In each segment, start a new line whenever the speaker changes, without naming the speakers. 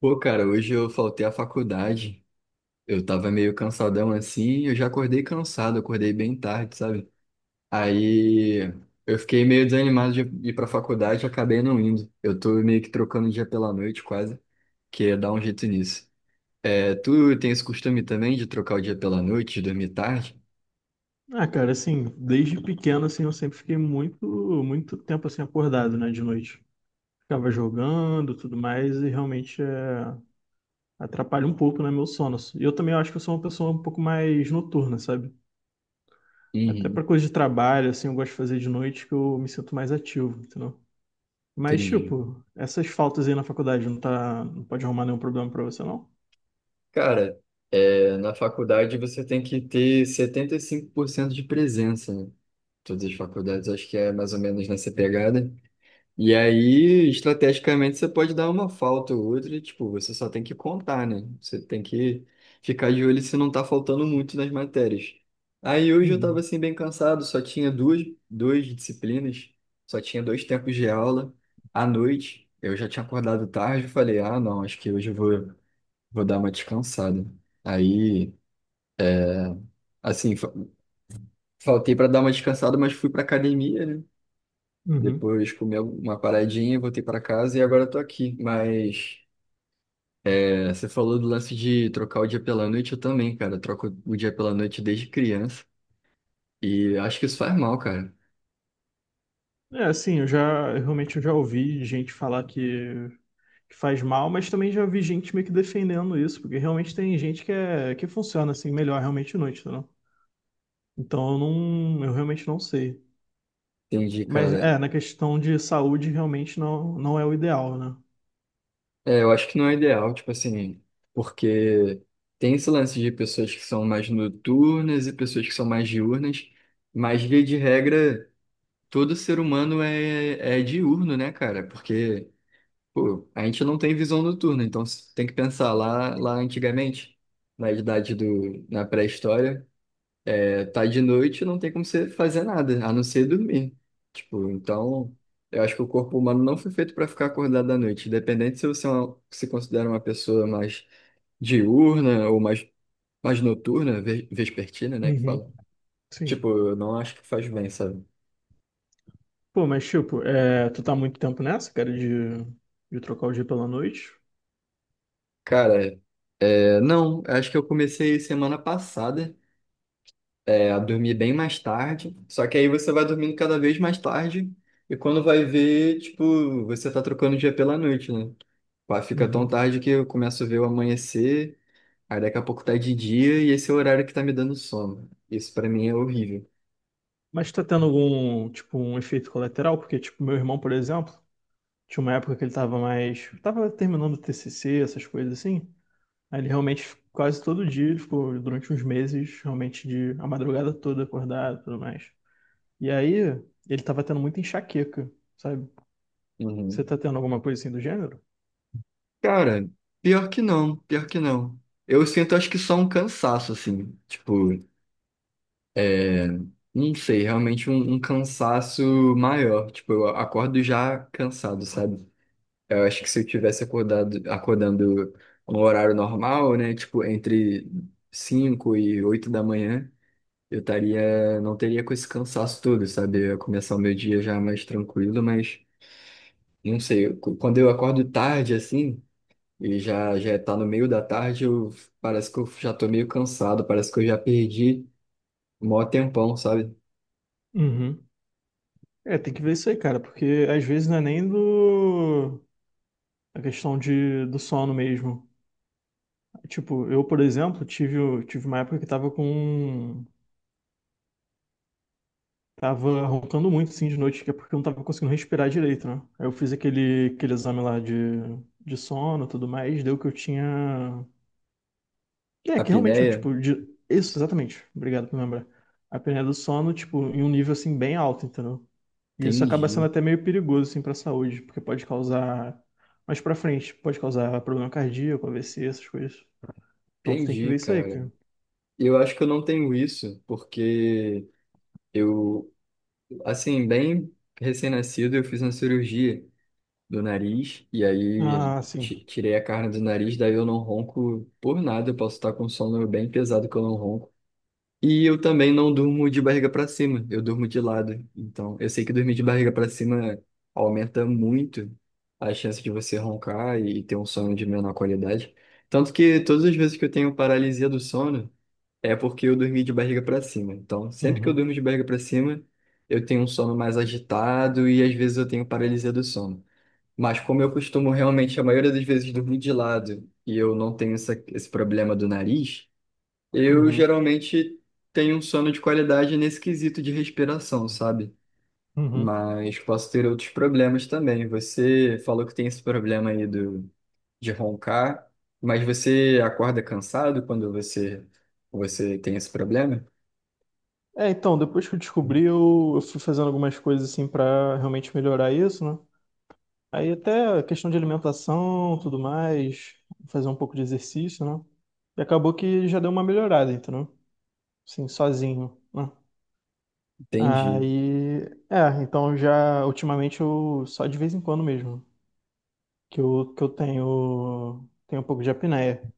Pô, cara, hoje eu faltei à faculdade. Eu tava meio cansadão assim, eu já acordei cansado, eu acordei bem tarde, sabe? Aí eu fiquei meio desanimado de ir pra faculdade e acabei não indo. Eu tô meio que trocando o dia pela noite quase, que ia dar um jeito nisso. É, tu tem esse costume também de trocar o dia pela noite, de dormir tarde?
Ah, cara, assim, desde pequeno, assim, eu sempre fiquei muito, muito tempo, assim, acordado, né, de noite. Ficava jogando, tudo mais, e realmente é, atrapalha um pouco, né, meu sono. E eu também acho que eu sou uma pessoa um pouco mais noturna, sabe? Até pra
Uhum,
coisa de trabalho, assim, eu gosto de fazer de noite que eu me sinto mais ativo, entendeu? Mas,
entendi.
tipo, essas faltas aí na faculdade não tá, não pode arrumar nenhum problema pra você, não?
Cara, é, na faculdade você tem que ter 75% de presença, né? Todas as faculdades, acho que é mais ou menos nessa pegada. E aí, estrategicamente, você pode dar uma falta ou outra, e, tipo, você só tem que contar, né? Você tem que ficar de olho se não tá faltando muito nas matérias. Aí hoje eu tava
Uhum.
assim bem cansado, só tinha duas disciplinas, só tinha dois tempos de aula à noite. Eu já tinha acordado tarde, eu falei, ah, não, acho que hoje eu vou dar uma descansada. Aí, assim, faltei para dar uma descansada, mas fui pra academia, né?
Uhum.
Depois comi uma paradinha, voltei para casa e agora eu tô aqui. Mas é, você falou do lance de trocar o dia pela noite, eu também, cara. Eu troco o dia pela noite desde criança. E acho que isso faz mal, cara.
É, assim, eu realmente eu já ouvi gente falar que faz mal, mas também já vi gente meio que defendendo isso, porque realmente tem gente que, é, que funciona assim melhor realmente à noite, entendeu? Então eu realmente não sei.
Entendi,
Mas
cara.
é, na questão de saúde realmente não, não é o ideal, né?
É, eu acho que não é ideal, tipo assim, porque tem esse lance de pessoas que são mais noturnas e pessoas que são mais diurnas, mas via de regra, todo ser humano é diurno, né, cara? Porque, pô, a gente não tem visão noturna, então tem que pensar lá antigamente, na pré-história. É, tá de noite, não tem como você fazer nada, a não ser dormir. Tipo, então, eu acho que o corpo humano não foi feito para ficar acordado à noite. Independente se você é se considera uma pessoa mais diurna ou mais noturna, vespertina, né, que
Uhum,
fala.
sim.
Tipo, eu não acho que faz bem, sabe?
Pô, mas tipo, é, tu tá há muito tempo nessa, cara, de trocar o dia pela noite?
Cara, é, não, acho que eu comecei semana passada é, a dormir bem mais tarde. Só que aí você vai dormindo cada vez mais tarde e quando vai ver, tipo, você tá trocando o dia pela noite, né? Pá, fica tão
Uhum.
tarde que eu começo a ver o amanhecer, aí daqui a pouco tá de dia e esse é o horário que tá me dando sono. Isso pra mim é horrível.
Mas tá tendo algum, tipo, um efeito colateral? Porque, tipo, meu irmão, por exemplo. Tinha uma época que ele tava mais. Tava terminando o TCC, essas coisas assim. Aí ele realmente, quase todo dia, ele ficou durante uns meses, realmente, de a madrugada toda acordado e tudo mais. E aí, ele tava tendo muita enxaqueca, sabe? Você
Uhum.
tá tendo alguma coisa assim do gênero?
Cara, pior que não, pior que não. Eu sinto, acho que só um cansaço, assim. Tipo, é, não sei, realmente um cansaço maior. Tipo, eu acordo já cansado, sabe? Eu acho que se eu tivesse acordado, acordando no horário normal, né, tipo entre 5 e 8 da manhã, eu estaria, não teria com esse cansaço todo, sabe? Eu ia começar o meu dia já mais tranquilo, mas não sei, eu- quando eu acordo tarde assim, e já já tá no meio da tarde, eu parece que eu já tô meio cansado, parece que eu já perdi o maior tempão, sabe?
Uhum. É, tem que ver isso aí, cara, porque às vezes não é nem do. A questão de do sono mesmo. Tipo, eu, por exemplo, tive uma época que tava com. Tava roncando muito, assim, de noite, que é porque eu não tava conseguindo respirar direito, né? Aí eu fiz aquele exame lá de sono e tudo mais, deu que eu tinha... É, que realmente, eu,
Apneia?
tipo, de... Isso, exatamente. Obrigado por lembrar. A apneia do sono, tipo, em um nível, assim, bem alto, entendeu? E isso acaba sendo
Entendi,
até meio perigoso, assim, pra saúde, porque pode causar... Mais pra frente, pode causar problema cardíaco, AVC, essas coisas. Então tu tem que
entendi,
ver isso aí,
cara.
cara.
Eu acho que eu não tenho isso, porque eu, assim, bem recém-nascido, eu fiz uma cirurgia do nariz e aí
Ah, sim.
tirei a carne do nariz, daí eu não ronco por nada, eu posso estar com um sono bem pesado que eu não ronco. E eu também não durmo de barriga para cima, eu durmo de lado. Então, eu sei que dormir de barriga para cima aumenta muito a chance de você roncar e ter um sono de menor qualidade. Tanto que todas as vezes que eu tenho paralisia do sono, é porque eu dormi de barriga para cima. Então, sempre que eu
Uhum,
durmo de barriga para cima, eu tenho um sono mais agitado e às vezes eu tenho paralisia do sono. Mas como eu costumo realmente, a maioria das vezes, dormir de lado e eu não tenho essa, esse problema do nariz, eu
uhum,
geralmente tenho um sono de qualidade nesse quesito de respiração, sabe?
uhum.
Mas posso ter outros problemas também. Você falou que tem esse problema aí do, de roncar, mas você acorda cansado quando você, você tem esse problema?
É, então, depois que eu descobri, eu fui fazendo algumas coisas assim pra realmente melhorar isso, né? Aí até a questão de alimentação, tudo mais, fazer um pouco de exercício, né? E acabou que já deu uma melhorada, entendeu? Assim, sozinho, né?
Entendi.
Aí, é, então já ultimamente eu só de vez em quando mesmo que eu tenho, um pouco de apneia.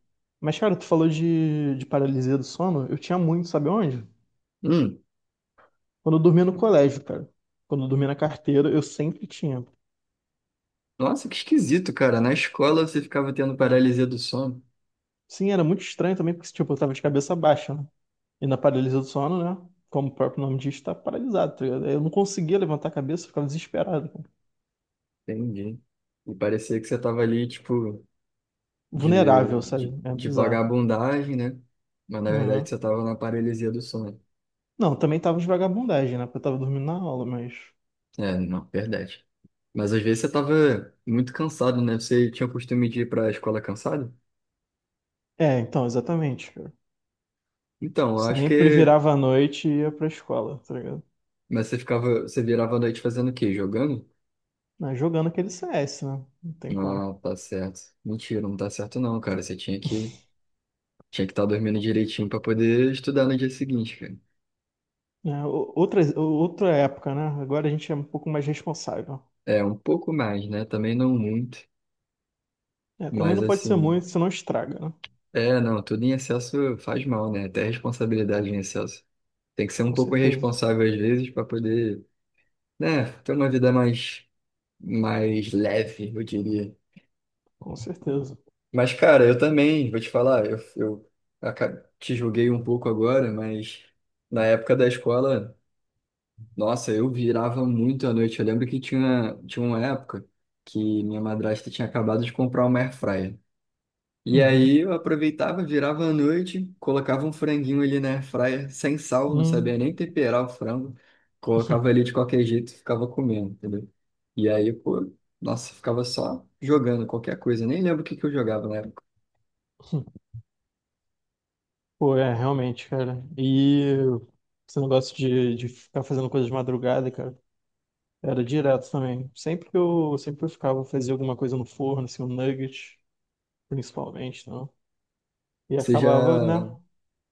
Mas cara, tu falou de paralisia do sono, eu tinha muito, sabe onde?
Hum.
Quando eu dormia no colégio, cara. Quando eu dormia na carteira, eu sempre tinha.
Nossa, que esquisito, cara. Na escola você ficava tendo paralisia do sono.
Sim, era muito estranho também, porque, tipo, eu tava de cabeça baixa, né? E na paralisia do sono, né? Como o próprio nome diz, tá paralisado, tá ligado? Eu não conseguia levantar a cabeça, eu ficava desesperado, cara.
Entendi. E parecia que você tava ali, tipo, de,
Vulnerável, sabe?
de,
É
de
bizarro.
vagabundagem, né? Mas na verdade
Uhum.
você tava na paralisia do sono.
Não, também tava de vagabundagem, né? Porque eu tava dormindo na aula, mas...
É, não, verdade. Mas às vezes você tava muito cansado, né? Você tinha o costume de ir pra escola cansado?
É, então, exatamente, cara.
Então, eu acho
Sempre
que.
virava a noite e ia pra escola, tá ligado?
Mas você ficava. Você virava a noite fazendo o quê? Jogando?
Mas jogando aquele CS, né? Não tem como.
Não, tá certo. Mentira, não tá certo não, cara. Você tinha que tinha que estar dormindo direitinho para poder estudar no dia seguinte, cara.
Né? Outras, outra época, né? Agora a gente é um pouco mais responsável.
É, um pouco mais, né? Também não muito,
É, também
mas
não pode ser
assim,
muito, senão estraga, né?
é, não, tudo em excesso faz mal, né? Até responsabilidade em excesso. Tem que ser um
Com
pouco
certeza,
irresponsável às vezes para poder, né, ter uma vida mais leve, eu diria.
com certeza.
Mas cara, eu também, vou te falar, eu te julguei um pouco agora, mas na época da escola, nossa, eu virava muito à noite. Eu lembro que tinha uma época que minha madrasta tinha acabado de comprar uma air fryer. E
Uhum.
aí eu aproveitava, virava à noite, colocava um franguinho ali na air fryer, sem sal, não
Hum.
sabia nem temperar o frango. Colocava ali de qualquer jeito, e ficava comendo, entendeu? E aí, pô, nossa, ficava só jogando qualquer coisa. Nem lembro o que que eu jogava na época.
Pô, é, realmente, cara. E esse negócio de ficar fazendo coisas de madrugada, cara, era direto também. Sempre que eu ficava, fazia alguma coisa no forno, assim, um nugget, principalmente, não? E
Você já,
acabava, né?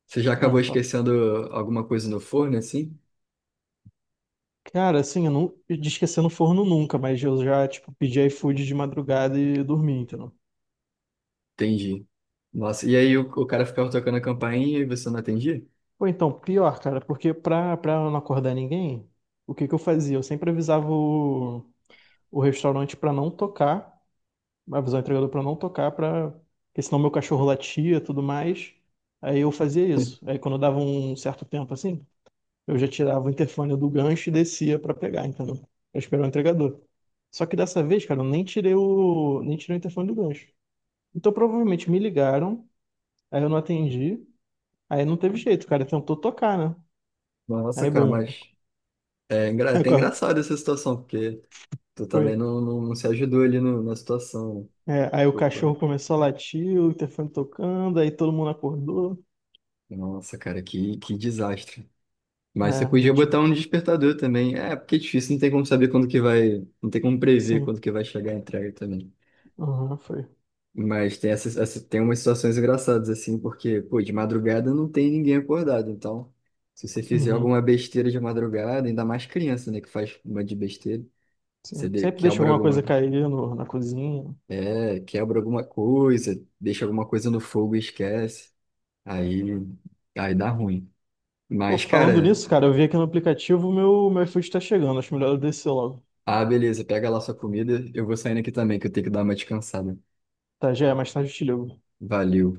você já acabou
Ah, fala.
esquecendo alguma coisa no forno, assim?
Cara, assim, eu de esquecer no forno nunca, mas eu já, tipo, pedi iFood de madrugada e dormi, entendeu?
Entendi. Nossa, e aí o cara ficava tocando a campainha e você não atendia?
Ou então, pior, cara, porque pra não acordar ninguém, o que que eu fazia? Eu sempre avisava o restaurante pra não tocar, avisava o entregador pra não tocar, pra, porque senão meu cachorro latia e tudo mais. Aí eu fazia isso. Aí quando dava um certo tempo assim, eu já tirava o interfone do gancho e descia pra pegar, entendeu? Pra esperar o entregador. Só que dessa vez, cara, eu nem tirei o interfone do gancho. Então provavelmente me ligaram, aí eu não atendi, aí não teve jeito, o cara tentou tocar, né?
Nossa,
Aí
cara,
bom,
mas é
aí,
até engraçado essa situação, porque tu também
foi.
não se ajudou ali na situação.
É, aí o
Tipo, pô,
cachorro começou a latir, o interfone tocando, aí todo mundo acordou.
nossa, cara, que desastre. Mas você
É, eu
podia
tive...
botar um despertador também. É, porque é difícil, não tem como saber quando que vai. Não tem como prever
Sim,
quando que vai chegar a entrega também.
aham, foi.
Mas tem tem umas situações engraçadas, assim, porque, pô, de madrugada não tem ninguém acordado. Então, se você fizer
Uhum,
alguma besteira de madrugada, ainda mais criança, né, que faz uma de besteira, você
sim. Sempre deixa
quebra
alguma coisa
alguma,
cair no, na cozinha.
é, quebra alguma coisa, deixa alguma coisa no fogo e esquece. Aí, aí dá ruim.
Pô,
Mas,
falando
cara,
nisso, cara, eu vi aqui no aplicativo meu iFood tá chegando, acho melhor eu descer logo.
ah, beleza, pega lá sua comida, eu vou saindo aqui também, que eu tenho que dar uma descansada.
Tá, já é, mais tarde eu te ligo.
Valeu.